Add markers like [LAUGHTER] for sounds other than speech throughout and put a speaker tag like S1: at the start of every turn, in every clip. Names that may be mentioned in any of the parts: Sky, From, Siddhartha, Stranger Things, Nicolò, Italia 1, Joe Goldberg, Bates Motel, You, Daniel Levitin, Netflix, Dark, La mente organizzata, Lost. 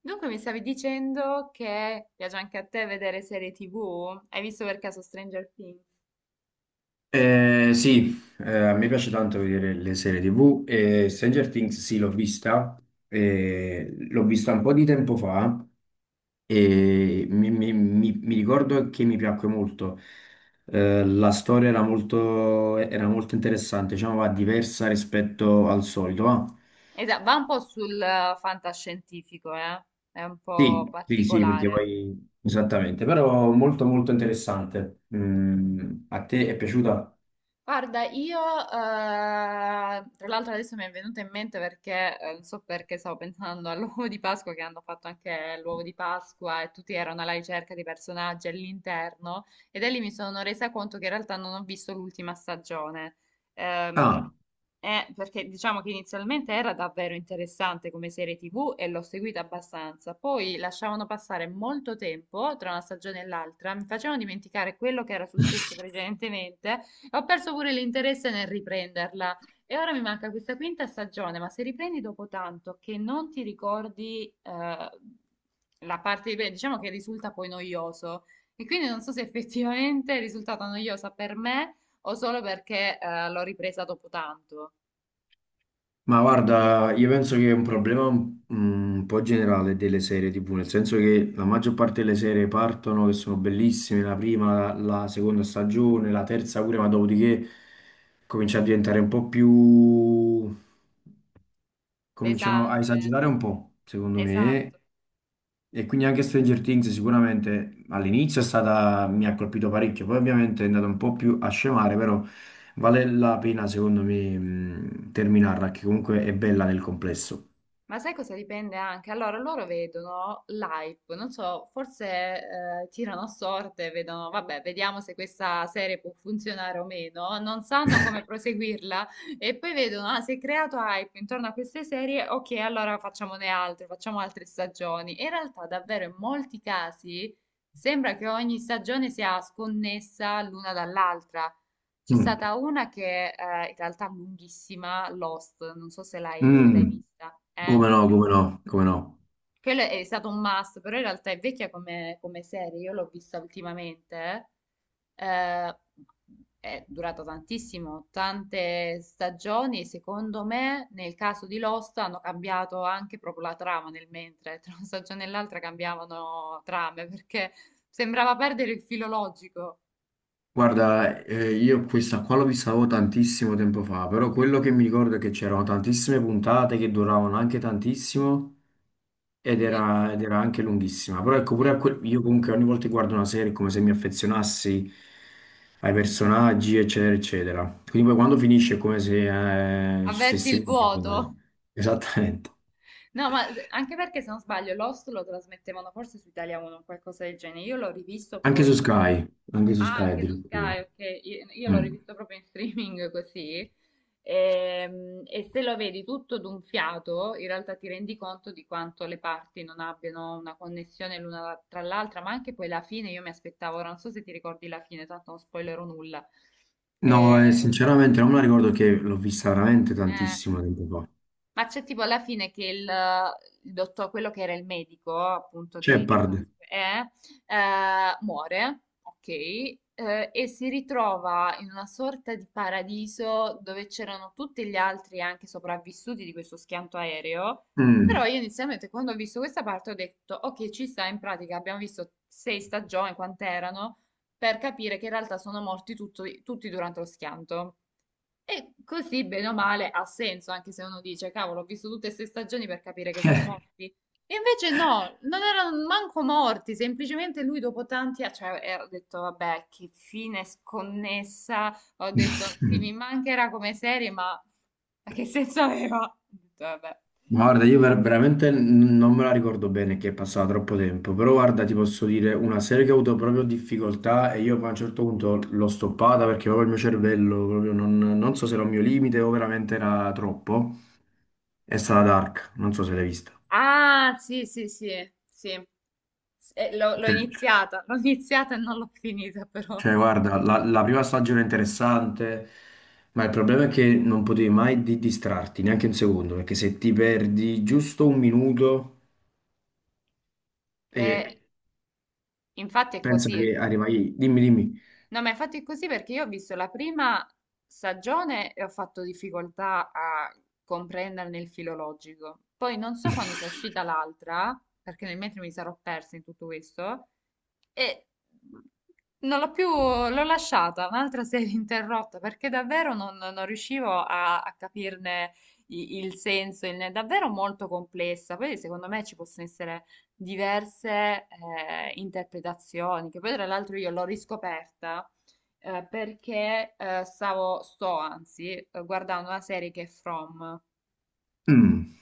S1: Dunque mi stavi dicendo che piace anche a te vedere serie TV? Hai visto per caso Stranger Things?
S2: Sì, a me piace tanto vedere le serie TV e Stranger Things sì, l'ho vista un po' di tempo fa e mi ricordo che mi piacque molto. La storia era era molto interessante, diciamo, va diversa rispetto al solito, va?
S1: Esatto, va un po' sul fantascientifico, eh? È un po'
S2: Sì, sì, sì, perché
S1: particolare.
S2: poi esattamente, però molto molto interessante. Mm, a te è piaciuta?
S1: Guarda, io, tra l'altro adesso mi è venuta in mente perché, non so perché stavo pensando all'uovo di Pasqua che hanno fatto anche l'uovo di Pasqua e tutti erano alla ricerca di personaggi all'interno e da lì mi sono resa conto che in realtà non ho visto l'ultima stagione. Ehm,
S2: Ah.
S1: perché diciamo che inizialmente era davvero interessante come serie TV e l'ho seguita abbastanza, poi lasciavano passare molto tempo tra una stagione e l'altra, mi facevano dimenticare quello che era successo precedentemente. Ho perso pure l'interesse nel riprenderla e ora mi manca questa quinta stagione, ma se riprendi dopo tanto che non ti ricordi la parte di prima, diciamo che risulta poi noioso. E quindi non so se effettivamente è risultata noiosa per me o solo perché l'ho ripresa dopo tanto.
S2: Ma guarda, io penso che è un problema mm, un po' generale delle serie TV, nel senso che la maggior parte delle serie partono che sono bellissime, la prima, la seconda stagione, la terza pure, ma dopodiché comincia a diventare un po' più... cominciano a
S1: Pesante,
S2: esagerare un po', secondo me,
S1: esatto.
S2: e quindi anche Stranger Things sicuramente all'inizio è stata, mi ha colpito parecchio, poi ovviamente è andata un po' più a scemare, però vale la pena secondo me terminarla, che comunque è bella nel complesso.
S1: Ma sai cosa dipende anche? Allora, loro vedono l'hype, non so, forse tirano a sorte, vedono, vabbè, vediamo se questa serie può funzionare o meno, non sanno come proseguirla e poi vedono, ah, si è creato hype intorno a queste serie, ok, allora facciamone altre, facciamo altre stagioni. In realtà, davvero, in molti casi sembra che ogni stagione sia sconnessa l'una dall'altra. C'è
S2: Mm.
S1: stata una che in realtà è lunghissima, Lost, non so se l'hai
S2: Mm.
S1: vista. eh.
S2: Come no, come no, come no.
S1: Quello è stato un must, però in realtà è vecchia come, serie, io l'ho vista ultimamente, eh, è durata tantissimo, tante stagioni, e secondo me nel caso di Lost hanno cambiato anche proprio la trama nel mentre, tra una stagione e l'altra cambiavano trame, perché sembrava perdere il filo logico,
S2: Guarda, io questa qua l'ho vista avevo tantissimo tempo fa, però quello che mi ricordo è che c'erano tantissime puntate che duravano anche tantissimo. Ed
S1: sì,
S2: era, ed era anche lunghissima, però ecco pure a
S1: era-
S2: io comunque ogni volta che guardo una serie è come se mi affezionassi ai personaggi, eccetera, eccetera. Quindi poi quando finisce è come se ci
S1: avverti il
S2: stessimo.
S1: vuoto.
S2: Esattamente.
S1: No, ma anche perché se non sbaglio Lost lo trasmettevano forse su Italia 1 o qualcosa del genere. Io l'ho rivisto
S2: Anche
S1: poi.
S2: su Sky, anche su
S1: Ah,
S2: Sky
S1: anche su
S2: addirittura.
S1: Sky, ok. Io l'ho
S2: Mm.
S1: rivisto proprio in streaming [LAUGHS] così. E, se lo vedi tutto d'un fiato, in realtà ti rendi conto di quanto le parti non abbiano una connessione l'una tra l'altra, ma anche poi la fine, io mi aspettavo, ora non so se ti ricordi la fine, tanto non spoilerò nulla.
S2: No,
S1: Eh,
S2: sinceramente non me la ricordo che l'ho vista veramente
S1: eh,
S2: tantissimo tempo fa.
S1: Ma c'è tipo alla fine che il dottor, quello che era il medico, appunto, di, che stava,
S2: Shepard.
S1: muore, ok, e si ritrova in una sorta di paradiso dove c'erano tutti gli altri anche sopravvissuti di questo schianto aereo. Però
S2: Mm.
S1: io inizialmente quando ho visto questa parte ho detto, ok, ci sta, in pratica abbiamo visto sei stagioni, quant'erano, per capire che in realtà sono morti tutti durante lo schianto. E così, bene o male, ha senso, anche se uno dice, cavolo, ho visto tutte queste stagioni per capire che sono morti. E invece no, non erano manco morti, semplicemente lui dopo tanti anni, cioè, ho detto, vabbè, che fine sconnessa, ho detto, sì,
S2: [LAUGHS]
S1: mi mancherà come serie, ma che senso aveva? Ho detto, vabbè.
S2: Guarda, io veramente non me la ricordo bene che è passato troppo tempo, però guarda, ti posso dire una serie che ho avuto proprio difficoltà e io poi a un certo punto l'ho stoppata perché proprio il mio cervello, proprio non so se era un mio limite o veramente era troppo, è stata Dark, non so se l'hai vista.
S1: Ah, sì, sì, sì, sì. L'ho
S2: Cioè,
S1: iniziata, l'ho iniziata e non l'ho finita, però.
S2: cioè, guarda, la prima stagione è interessante, ma il problema è che non potevi mai distrarti neanche un secondo, perché se ti perdi giusto un minuto
S1: Eh,
S2: e
S1: Infatti è
S2: pensa
S1: così.
S2: che arrivai, dimmi, dimmi.
S1: No, ma infatti è così perché io ho visto la prima stagione e ho fatto difficoltà a comprenderne il filo logico. Poi non so quando sia uscita l'altra, perché nel mentre mi sarò persa in tutto questo, e non l'ho più, l'ho lasciata, un'altra serie interrotta, perché davvero non riuscivo a capirne il senso, è davvero molto complessa. Poi secondo me ci possono essere diverse interpretazioni, che poi tra l'altro io l'ho riscoperta perché stavo, sto anzi, guardando una serie che è From.
S2: [LAUGHS] Non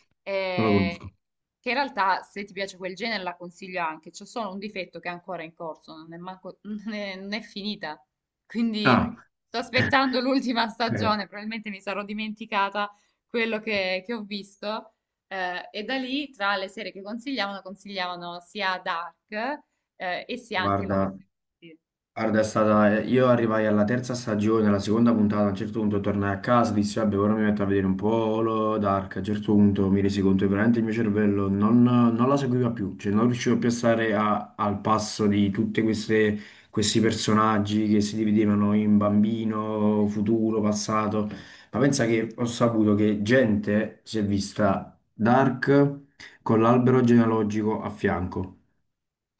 S2: lo conosco.
S1: eh, che in realtà se ti piace quel genere la consiglio anche, c'è solo un difetto che è ancora in corso, non è, [LAUGHS] non è finita, quindi
S2: Ah,
S1: sto aspettando l'ultima
S2: Eh,
S1: stagione, probabilmente mi sarò dimenticata quello che ho visto. E da lì, tra le serie che consigliavano sia Dark, e sia anche Lost.
S2: guarda, guarda, è stata... Io arrivai alla terza stagione, alla seconda puntata, a un certo punto tornai a casa, dissi, vabbè, ora mi metto a vedere un po' Holo Dark, a un certo punto mi resi conto che veramente il mio cervello non la seguiva più, cioè non riuscivo più a stare al passo di tutti questi personaggi che si dividevano in bambino, futuro, passato. Ma pensa che ho saputo che gente si è vista Dark con l'albero genealogico a fianco,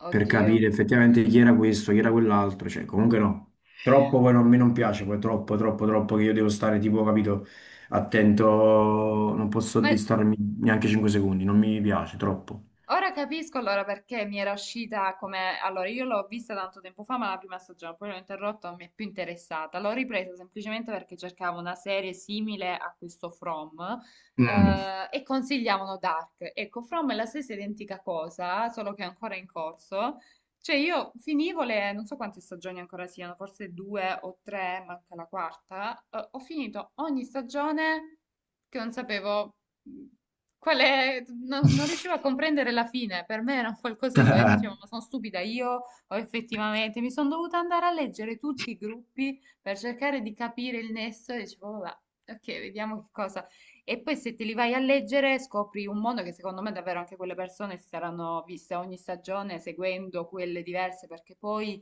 S2: per
S1: Oddio,
S2: capire effettivamente chi era questo, chi era quell'altro, cioè comunque no, troppo poi non, a me non piace, poi troppo, troppo, troppo che io devo stare tipo, capito, attento, non posso
S1: ma
S2: distrarmi neanche 5 secondi, non mi piace, troppo.
S1: ora capisco allora perché mi era uscita come. Allora, io l'ho vista tanto tempo fa, ma la prima stagione, poi l'ho interrotta, non mi è più interessata. L'ho ripresa semplicemente perché cercavo una serie simile a questo From,
S2: Mm.
S1: e consigliavano Dark. Ecco, From è la stessa identica cosa, solo che è ancora in corso. Cioè, io finivo le, non so quante stagioni ancora siano, forse due o tre, manca la quarta. Ho finito ogni stagione che non sapevo, mm, qual è? Non riuscivo a comprendere la fine, per me era un qualcosa di, e dicevo,
S2: [LAUGHS]
S1: ma sono stupida io o effettivamente mi sono dovuta andare a leggere tutti i gruppi per cercare di capire il nesso e dicevo, vabbè, ok, vediamo che cosa. E poi se te li vai a leggere scopri un mondo che secondo me davvero anche quelle persone si saranno viste ogni stagione seguendo quelle diverse perché poi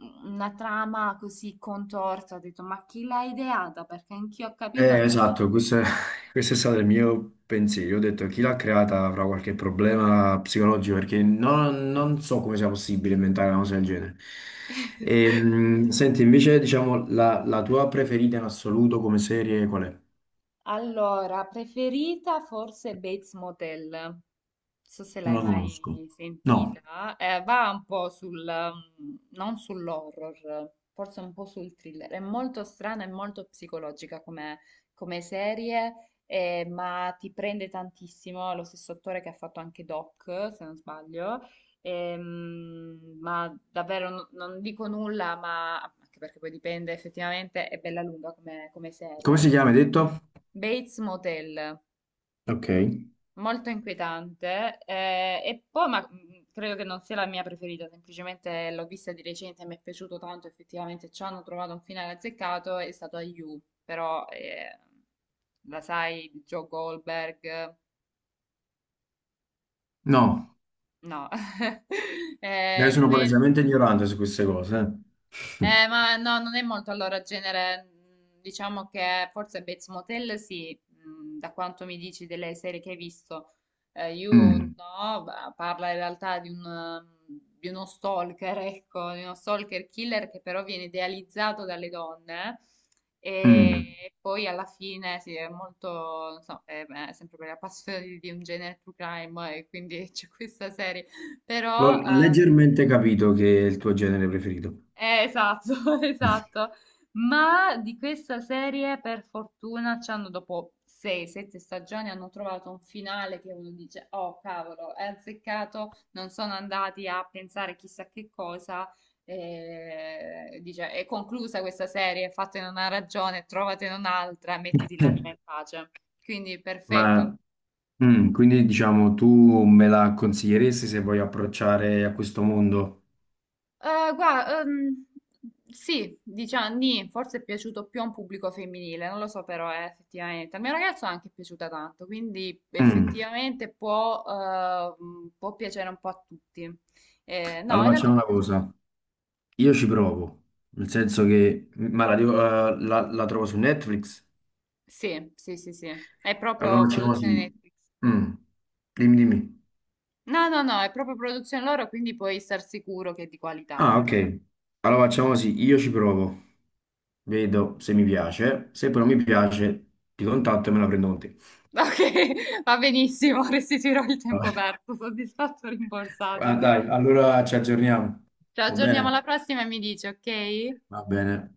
S1: una trama così contorta, ho detto, ma chi l'ha ideata? Perché anch'io a capirla non ci sto
S2: Esatto, [LAUGHS] questo è stato il mio pensiero. Io ho detto chi l'ha creata avrà qualche problema psicologico perché non so come sia possibile inventare una cosa del genere.
S1: riuscendo. [LAUGHS]
S2: Senti, invece, diciamo, la tua preferita in assoluto come serie qual è?
S1: Allora, preferita forse Bates Motel. Non so se
S2: Non
S1: l'hai
S2: la conosco.
S1: mai
S2: No.
S1: sentita. Va un po' sul, non sull'horror, forse un po' sul thriller. È molto strana e molto psicologica come, serie, ma ti prende tantissimo. È lo stesso attore che ha fatto anche Doc, se non sbaglio. Ma davvero non dico nulla, ma anche perché poi dipende effettivamente, è bella lunga come
S2: Come
S1: serie.
S2: si chiama, hai detto?
S1: Bates Motel,
S2: Ok.
S1: molto inquietante. E poi, ma credo che non sia la mia preferita, semplicemente l'ho vista di recente e mi è piaciuto tanto. Effettivamente ci hanno trovato un finale azzeccato, è stato a You, però la sai, di Joe Goldberg,
S2: No,
S1: no, [LAUGHS]
S2: io
S1: eh,
S2: sono
S1: quel-
S2: palesemente ignorante su queste cose.
S1: Ma no, non è molto allora genere. Diciamo che forse Bates Motel sì, da quanto mi dici delle serie che hai visto. You
S2: [LAUGHS]
S1: no, parla in realtà di uno stalker, ecco, di uno stalker killer che però viene idealizzato dalle donne
S2: Mm, mm.
S1: e poi alla fine sì, è molto, non so, è sempre per la passione di un genere true crime e quindi [LAUGHS] c'è questa serie. Però
S2: L'ho
S1: eh,
S2: leggermente capito che è il tuo genere preferito.
S1: eh, esatto, [LAUGHS] esatto. Ma di questa serie, per fortuna, ci hanno, dopo 6-7 stagioni, hanno trovato un finale che uno dice, oh cavolo, è azzeccato, non sono andati a pensare chissà che cosa. Dice, è conclusa questa serie, fatene una ragione, trovatene un'altra, mettiti l'anima in
S2: [LAUGHS]
S1: pace. Quindi perfetto.
S2: Ma Mm, quindi diciamo tu me la consiglieresti se voglio approcciare a questo mondo?
S1: Guarda, sì, diciamo, nì, forse è piaciuto più a un pubblico femminile, non lo so però, effettivamente. Al mio ragazzo anche è piaciuta tanto, quindi
S2: Mm,
S1: effettivamente può piacere un po' a tutti. No, in
S2: allora
S1: realtà
S2: facciamo
S1: può
S2: una
S1: piacere.
S2: cosa, io ci provo, nel senso che, la trovo su Netflix?
S1: Sì, sì, sì, sì, è proprio
S2: Allora facciamo
S1: produzione
S2: così,
S1: Netflix.
S2: Mm, dimmi dimmi.
S1: No, no, no, è proprio produzione loro, quindi puoi star sicuro che è di qualità
S2: Ah
S1: anche.
S2: ok, allora facciamo così, io ci provo, vedo se mi piace, se però mi piace ti contatto e me la prendo con te.
S1: [LAUGHS] Ok, va benissimo, [LAUGHS] restituirò il tempo
S2: [LAUGHS]
S1: perso, soddisfatto,
S2: Ah,
S1: rimborsato.
S2: dai, allora ci aggiorniamo,
S1: Ci
S2: va
S1: aggiorniamo
S2: bene?
S1: alla prossima e mi dici, ok?
S2: Va bene.